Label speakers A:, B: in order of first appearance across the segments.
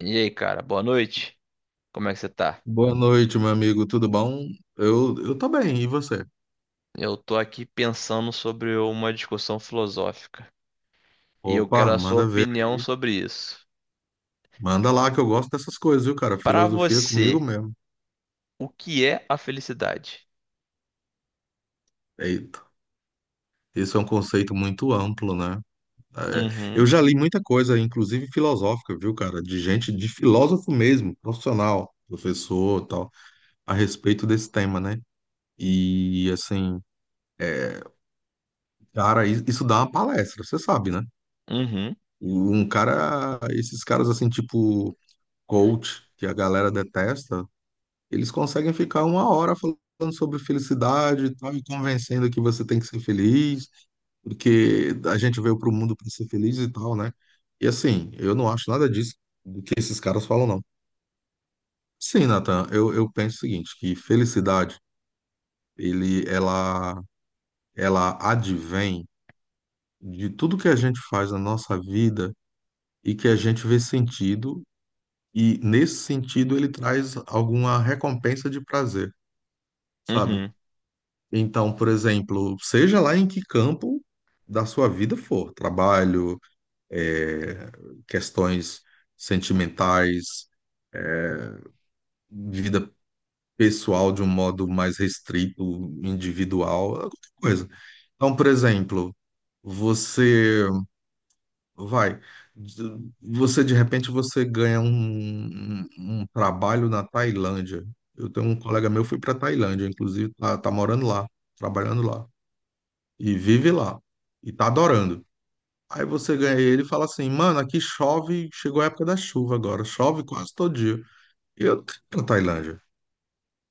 A: E aí, cara, boa noite. Como é que você tá?
B: Boa noite, meu amigo. Tudo bom? Eu tô bem, e você?
A: Eu tô aqui pensando sobre uma discussão filosófica e eu quero
B: Opa,
A: a sua
B: manda ver.
A: opinião sobre isso.
B: Manda lá que eu gosto dessas coisas, viu, cara?
A: Pra
B: Filosofia é
A: você,
B: comigo mesmo.
A: o que é a felicidade?
B: Eita, isso é um conceito muito amplo, né? É,
A: Uhum,
B: eu já li muita coisa, inclusive filosófica, viu, cara? De gente, de filósofo mesmo, profissional, professor, e tal, a respeito desse tema, né? E assim, é, cara, isso dá uma palestra, você sabe, né?
A: uhum,
B: Um cara, esses caras assim, tipo coach, que a galera detesta, eles conseguem ficar uma hora falando sobre felicidade e tal, e convencendo que você tem que ser feliz, porque a gente veio para o mundo para ser feliz e tal, né? E assim, eu não acho nada disso do que esses caras falam, não. Sim, Nathan, eu penso o seguinte, que felicidade, ele, ela advém de tudo que a gente faz na nossa vida e que a gente vê sentido, e nesse sentido ele traz alguma recompensa de prazer, sabe?
A: uhum,
B: Então, por exemplo, seja lá em que campo da sua vida for, trabalho, eh, questões sentimentais, vida pessoal de um modo mais restrito, individual, qualquer coisa. Então, por exemplo, você vai, você de repente você ganha um, um- um trabalho na Tailândia. Eu tenho um colega meu que foi para Tailândia, inclusive tá morando lá, trabalhando lá. E vive lá e tá adorando. Aí você ganha ele e fala assim, mano, aqui chove, chegou a época da chuva agora, chove quase todo dia. E eu tô na Tailândia,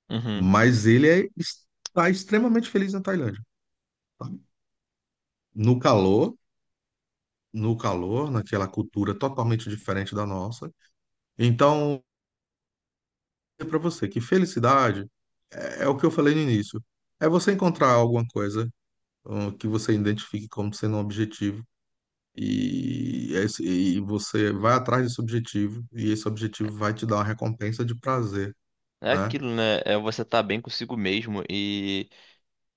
A: uhum.
B: mas está extremamente feliz na Tailândia. Tá? No calor, no calor, naquela cultura totalmente diferente da nossa. Então, é para você que felicidade é o que eu falei no início. É você encontrar alguma coisa que você identifique como sendo um objetivo. E você vai atrás desse objetivo, e esse objetivo vai te dar uma recompensa de prazer,
A: É
B: né?
A: aquilo, né? É você estar bem consigo mesmo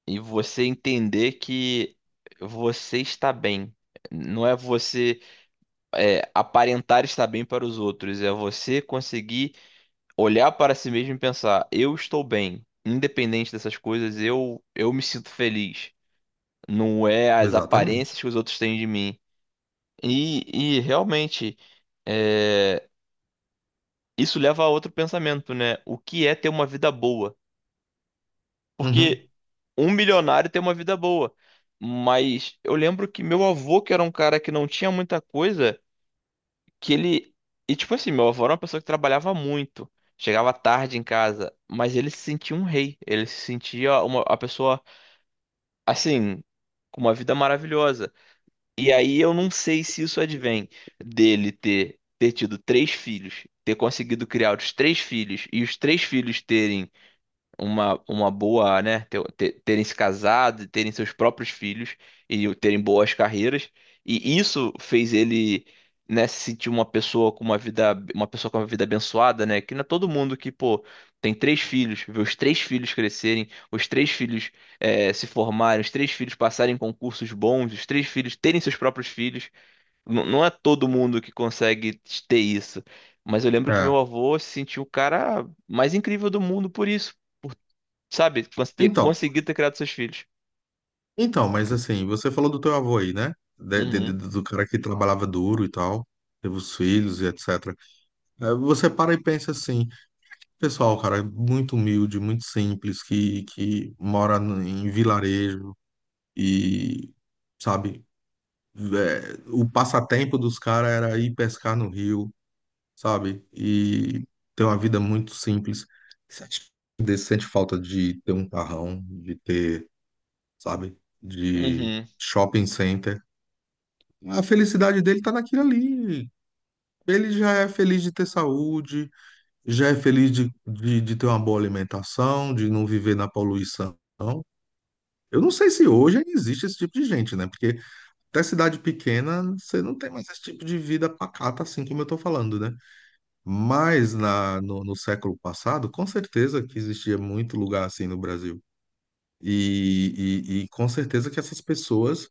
A: e você entender que você está bem. Não é você aparentar estar bem para os outros, é você conseguir olhar para si mesmo e pensar, eu estou bem, independente dessas coisas, eu me sinto feliz. Não é as
B: Exatamente.
A: aparências que os outros têm de mim. E realmente, é, isso leva a outro pensamento, né? O que é ter uma vida boa?
B: Uhum.
A: Porque um milionário tem uma vida boa. Mas eu lembro que meu avô, que era um cara que não tinha muita coisa, que ele. E tipo assim, meu avô era uma pessoa que trabalhava muito, chegava tarde em casa, mas ele se sentia um rei, ele se sentia uma a pessoa assim, com uma vida maravilhosa. E aí eu não sei se isso advém dele ter tido três filhos, ter conseguido criar os três filhos e os três filhos terem uma boa, né, terem se casado, terem seus próprios filhos e terem boas carreiras. E isso fez ele, né, se sentir uma pessoa com uma vida, uma pessoa com uma vida abençoada, né? Que não é todo mundo que, pô, tem três filhos, vê os três filhos crescerem, os três filhos se formarem, os três filhos passarem em concursos bons, os três filhos terem seus próprios filhos. Não é todo mundo que consegue ter isso. Mas eu lembro que meu
B: É.
A: avô se sentiu o cara mais incrível do mundo por isso. Sabe?
B: Então,
A: Conseguir ter criado seus filhos.
B: então, mas assim, você falou do teu avô aí, né?
A: Uhum,
B: Do cara que trabalhava duro e tal, teve os filhos e etc. É, você para e pensa assim, pessoal, cara, muito humilde, muito simples, que mora em vilarejo e, sabe, é, o passatempo dos caras era ir pescar no rio, sabe? E ter uma vida muito simples. Você acha que sente falta de ter um carrão, de ter, sabe? De
A: uhum,
B: shopping center. A felicidade dele tá naquilo ali. Ele já é feliz de ter saúde, já é feliz de ter uma boa alimentação, de não viver na poluição. Eu não sei se hoje ainda existe esse tipo de gente, né? Porque até cidade pequena, você não tem mais esse tipo de vida pacata, assim como eu tô falando, né? Mas na, no, no século passado, com certeza que existia muito lugar assim no Brasil. E, e com certeza que essas pessoas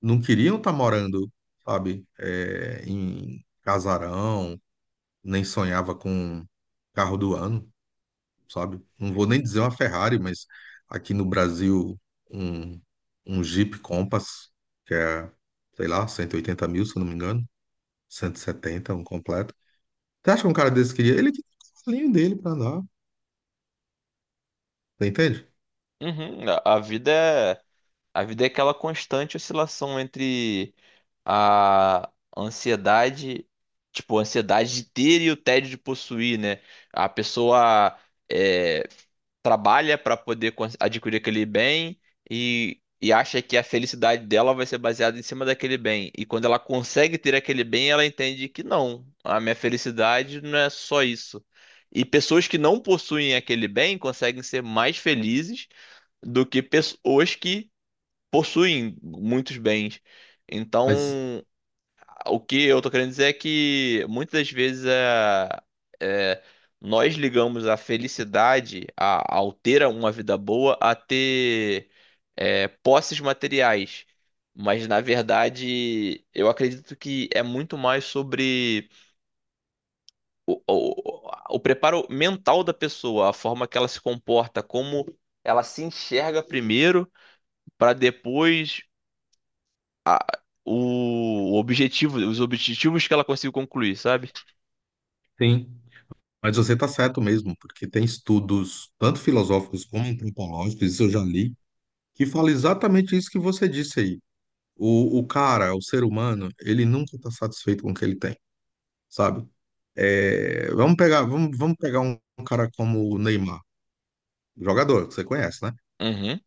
B: não queriam estar morando, sabe, é, em casarão, nem sonhava com carro do ano, sabe? Não vou nem dizer uma Ferrari, mas aqui no Brasil, um, um Jeep Compass, que é, sei lá, 180.000, se eu não me engano, 170 um completo. Você acha que um cara desse queria? Ele tinha o carrinho dele para andar. Entende?
A: uhum. A vida é, a vida é aquela constante oscilação entre a ansiedade, tipo, a ansiedade de ter e o tédio de possuir, né? A pessoa é, trabalha para poder adquirir aquele bem e acha que a felicidade dela vai ser baseada em cima daquele bem. E quando ela consegue ter aquele bem, ela entende que não, a minha felicidade não é só isso. E pessoas que não possuem aquele bem conseguem ser mais felizes do que pessoas que possuem muitos bens.
B: Mas
A: Então, o que eu tô querendo dizer é que muitas das vezes é, nós ligamos a felicidade, a, ao ter uma vida boa, a ter posses materiais. Mas na verdade, eu acredito que é muito mais sobre o, o, o preparo mental da pessoa, a forma que ela se comporta, como ela se enxerga primeiro, para depois o objetivo, os objetivos que ela consiga concluir, sabe?
B: sim, mas você está certo mesmo, porque tem estudos, tanto filosóficos como antropológicos, isso eu já li, que fala exatamente isso que você disse aí. O cara, o ser humano, ele nunca está satisfeito com o que ele tem, sabe? É, vamos pegar, vamos pegar um cara como o Neymar, jogador que você conhece, né?
A: Uhum.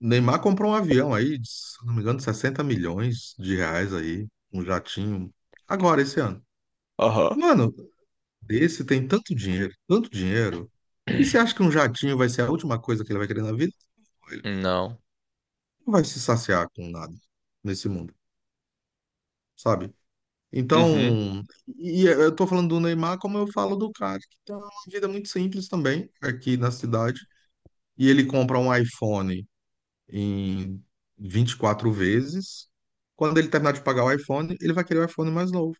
B: O Neymar comprou um avião aí, de, se não me engano, R$ 60 milhões aí, um jatinho, agora esse ano.
A: Aham.
B: Mano, esse tem tanto dinheiro, tanto dinheiro. E você acha que um jatinho vai ser a última coisa que ele vai querer na vida? Não, ele
A: Não.
B: não vai se saciar com nada nesse mundo, sabe?
A: Uhum.
B: Então, e eu tô falando do Neymar como eu falo do cara que tem uma vida muito simples também aqui na cidade. E ele compra um iPhone em 24 vezes. Quando ele terminar de pagar o iPhone, ele vai querer o iPhone mais novo,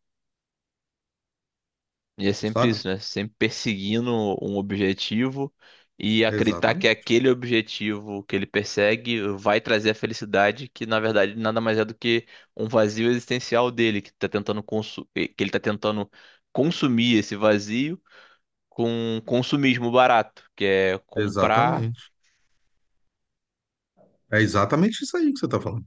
A: E é sempre
B: sabe?
A: isso, né? Sempre perseguindo um objetivo e acreditar que
B: Exatamente.
A: aquele objetivo que ele persegue vai trazer a felicidade, que na verdade nada mais é do que um vazio existencial dele, que tá tentando que ele tá tentando consumir esse vazio com consumismo barato, que é comprar,
B: Exatamente. É exatamente isso aí que você tá falando.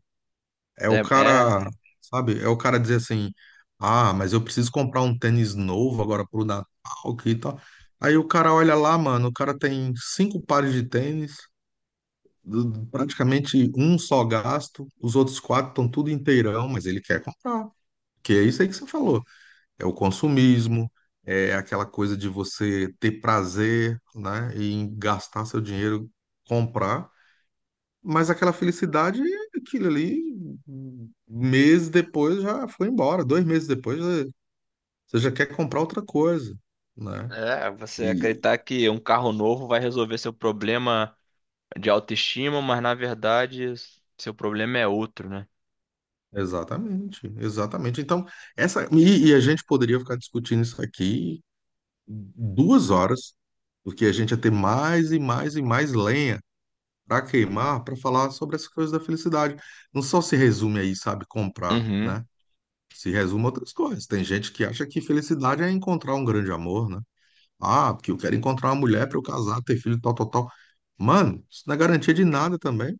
B: É o
A: né?
B: cara, sabe? É o cara dizer assim: ah, mas eu preciso comprar um tênis novo agora pro Natal, que tal. Aí o cara olha lá, mano, o cara tem 5 pares de tênis, praticamente um só gasto, os outros quatro estão tudo inteirão, mas ele quer comprar. Que é isso aí que você falou. É o consumismo, é aquela coisa de você ter prazer, né, em gastar seu dinheiro, comprar. Mas aquela felicidade, é aquilo ali, 1 mês depois já foi embora, 2 meses depois você já quer comprar outra coisa, né?
A: Você
B: E
A: acreditar que um carro novo vai resolver seu problema de autoestima, mas na verdade seu problema é outro, né?
B: exatamente, exatamente. Então, essa e a gente poderia ficar discutindo isso aqui 2 horas, porque a gente ia ter mais e mais e mais lenha para queimar para falar sobre essas coisas da felicidade. Não só se resume aí, sabe, comprar,
A: Uhum.
B: né? Se resume a outras coisas. Tem gente que acha que felicidade é encontrar um grande amor, né? Ah, porque eu quero encontrar uma mulher para eu casar, ter filho, tal, tal, tal. Mano, isso não é garantia de nada também,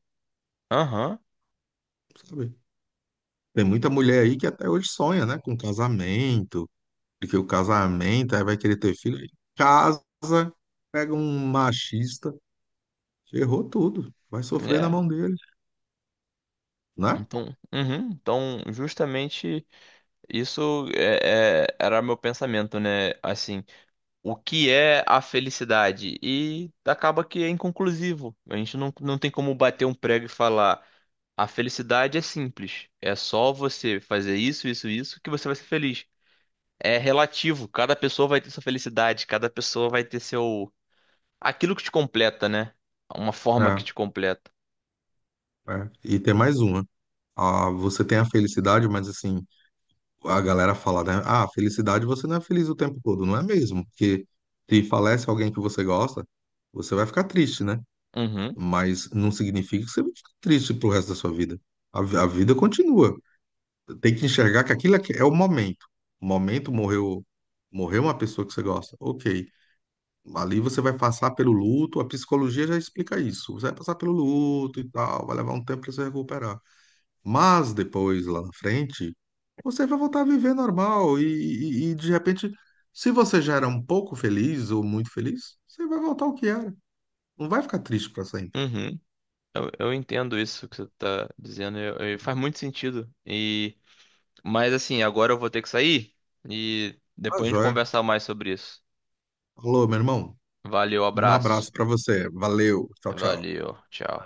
A: Aham.
B: sabe? Tem muita mulher aí que até hoje sonha, né, com casamento, porque o casamento aí vai querer ter filho. Aí casa, pega um machista, ferrou tudo, vai sofrer na
A: É.
B: mão dele, né?
A: Então, uhum. Então, justamente isso era meu pensamento, né? Assim, o que é a felicidade? E acaba que é inconclusivo. A gente não tem como bater um prego e falar, a felicidade é simples. É só você fazer isso, isso, isso que você vai ser feliz. É relativo. Cada pessoa vai ter sua felicidade, cada pessoa vai ter seu. Aquilo que te completa, né? Uma forma que
B: É,
A: te completa.
B: é. E tem mais uma. Ah, você tem a felicidade, mas assim, a galera fala, né? Ah, felicidade você não é feliz o tempo todo, não é mesmo? Porque se falece alguém que você gosta, você vai ficar triste, né?
A: Uhum,
B: Mas não significa que você vai ficar triste pro resto da sua vida. A vida continua. Tem que enxergar que aquilo é o momento. O momento morreu, morreu uma pessoa que você gosta. Ok. Ali você vai passar pelo luto, a psicologia já explica isso. Você vai passar pelo luto e tal, vai levar um tempo para se recuperar. Mas depois, lá na frente, você vai voltar a viver normal e, de repente, se você já era um pouco feliz ou muito feliz, você vai voltar ao que era. Não vai ficar triste para sempre.
A: uhum. Eu entendo isso que você tá dizendo. Faz muito sentido. E, mas assim, agora eu vou ter que sair e
B: Tá
A: depois a gente
B: joia.
A: conversar mais sobre isso.
B: Alô, meu irmão,
A: Valeu,
B: um
A: abraço.
B: abraço pra você. Valeu. Tchau, tchau.
A: Valeu, tchau.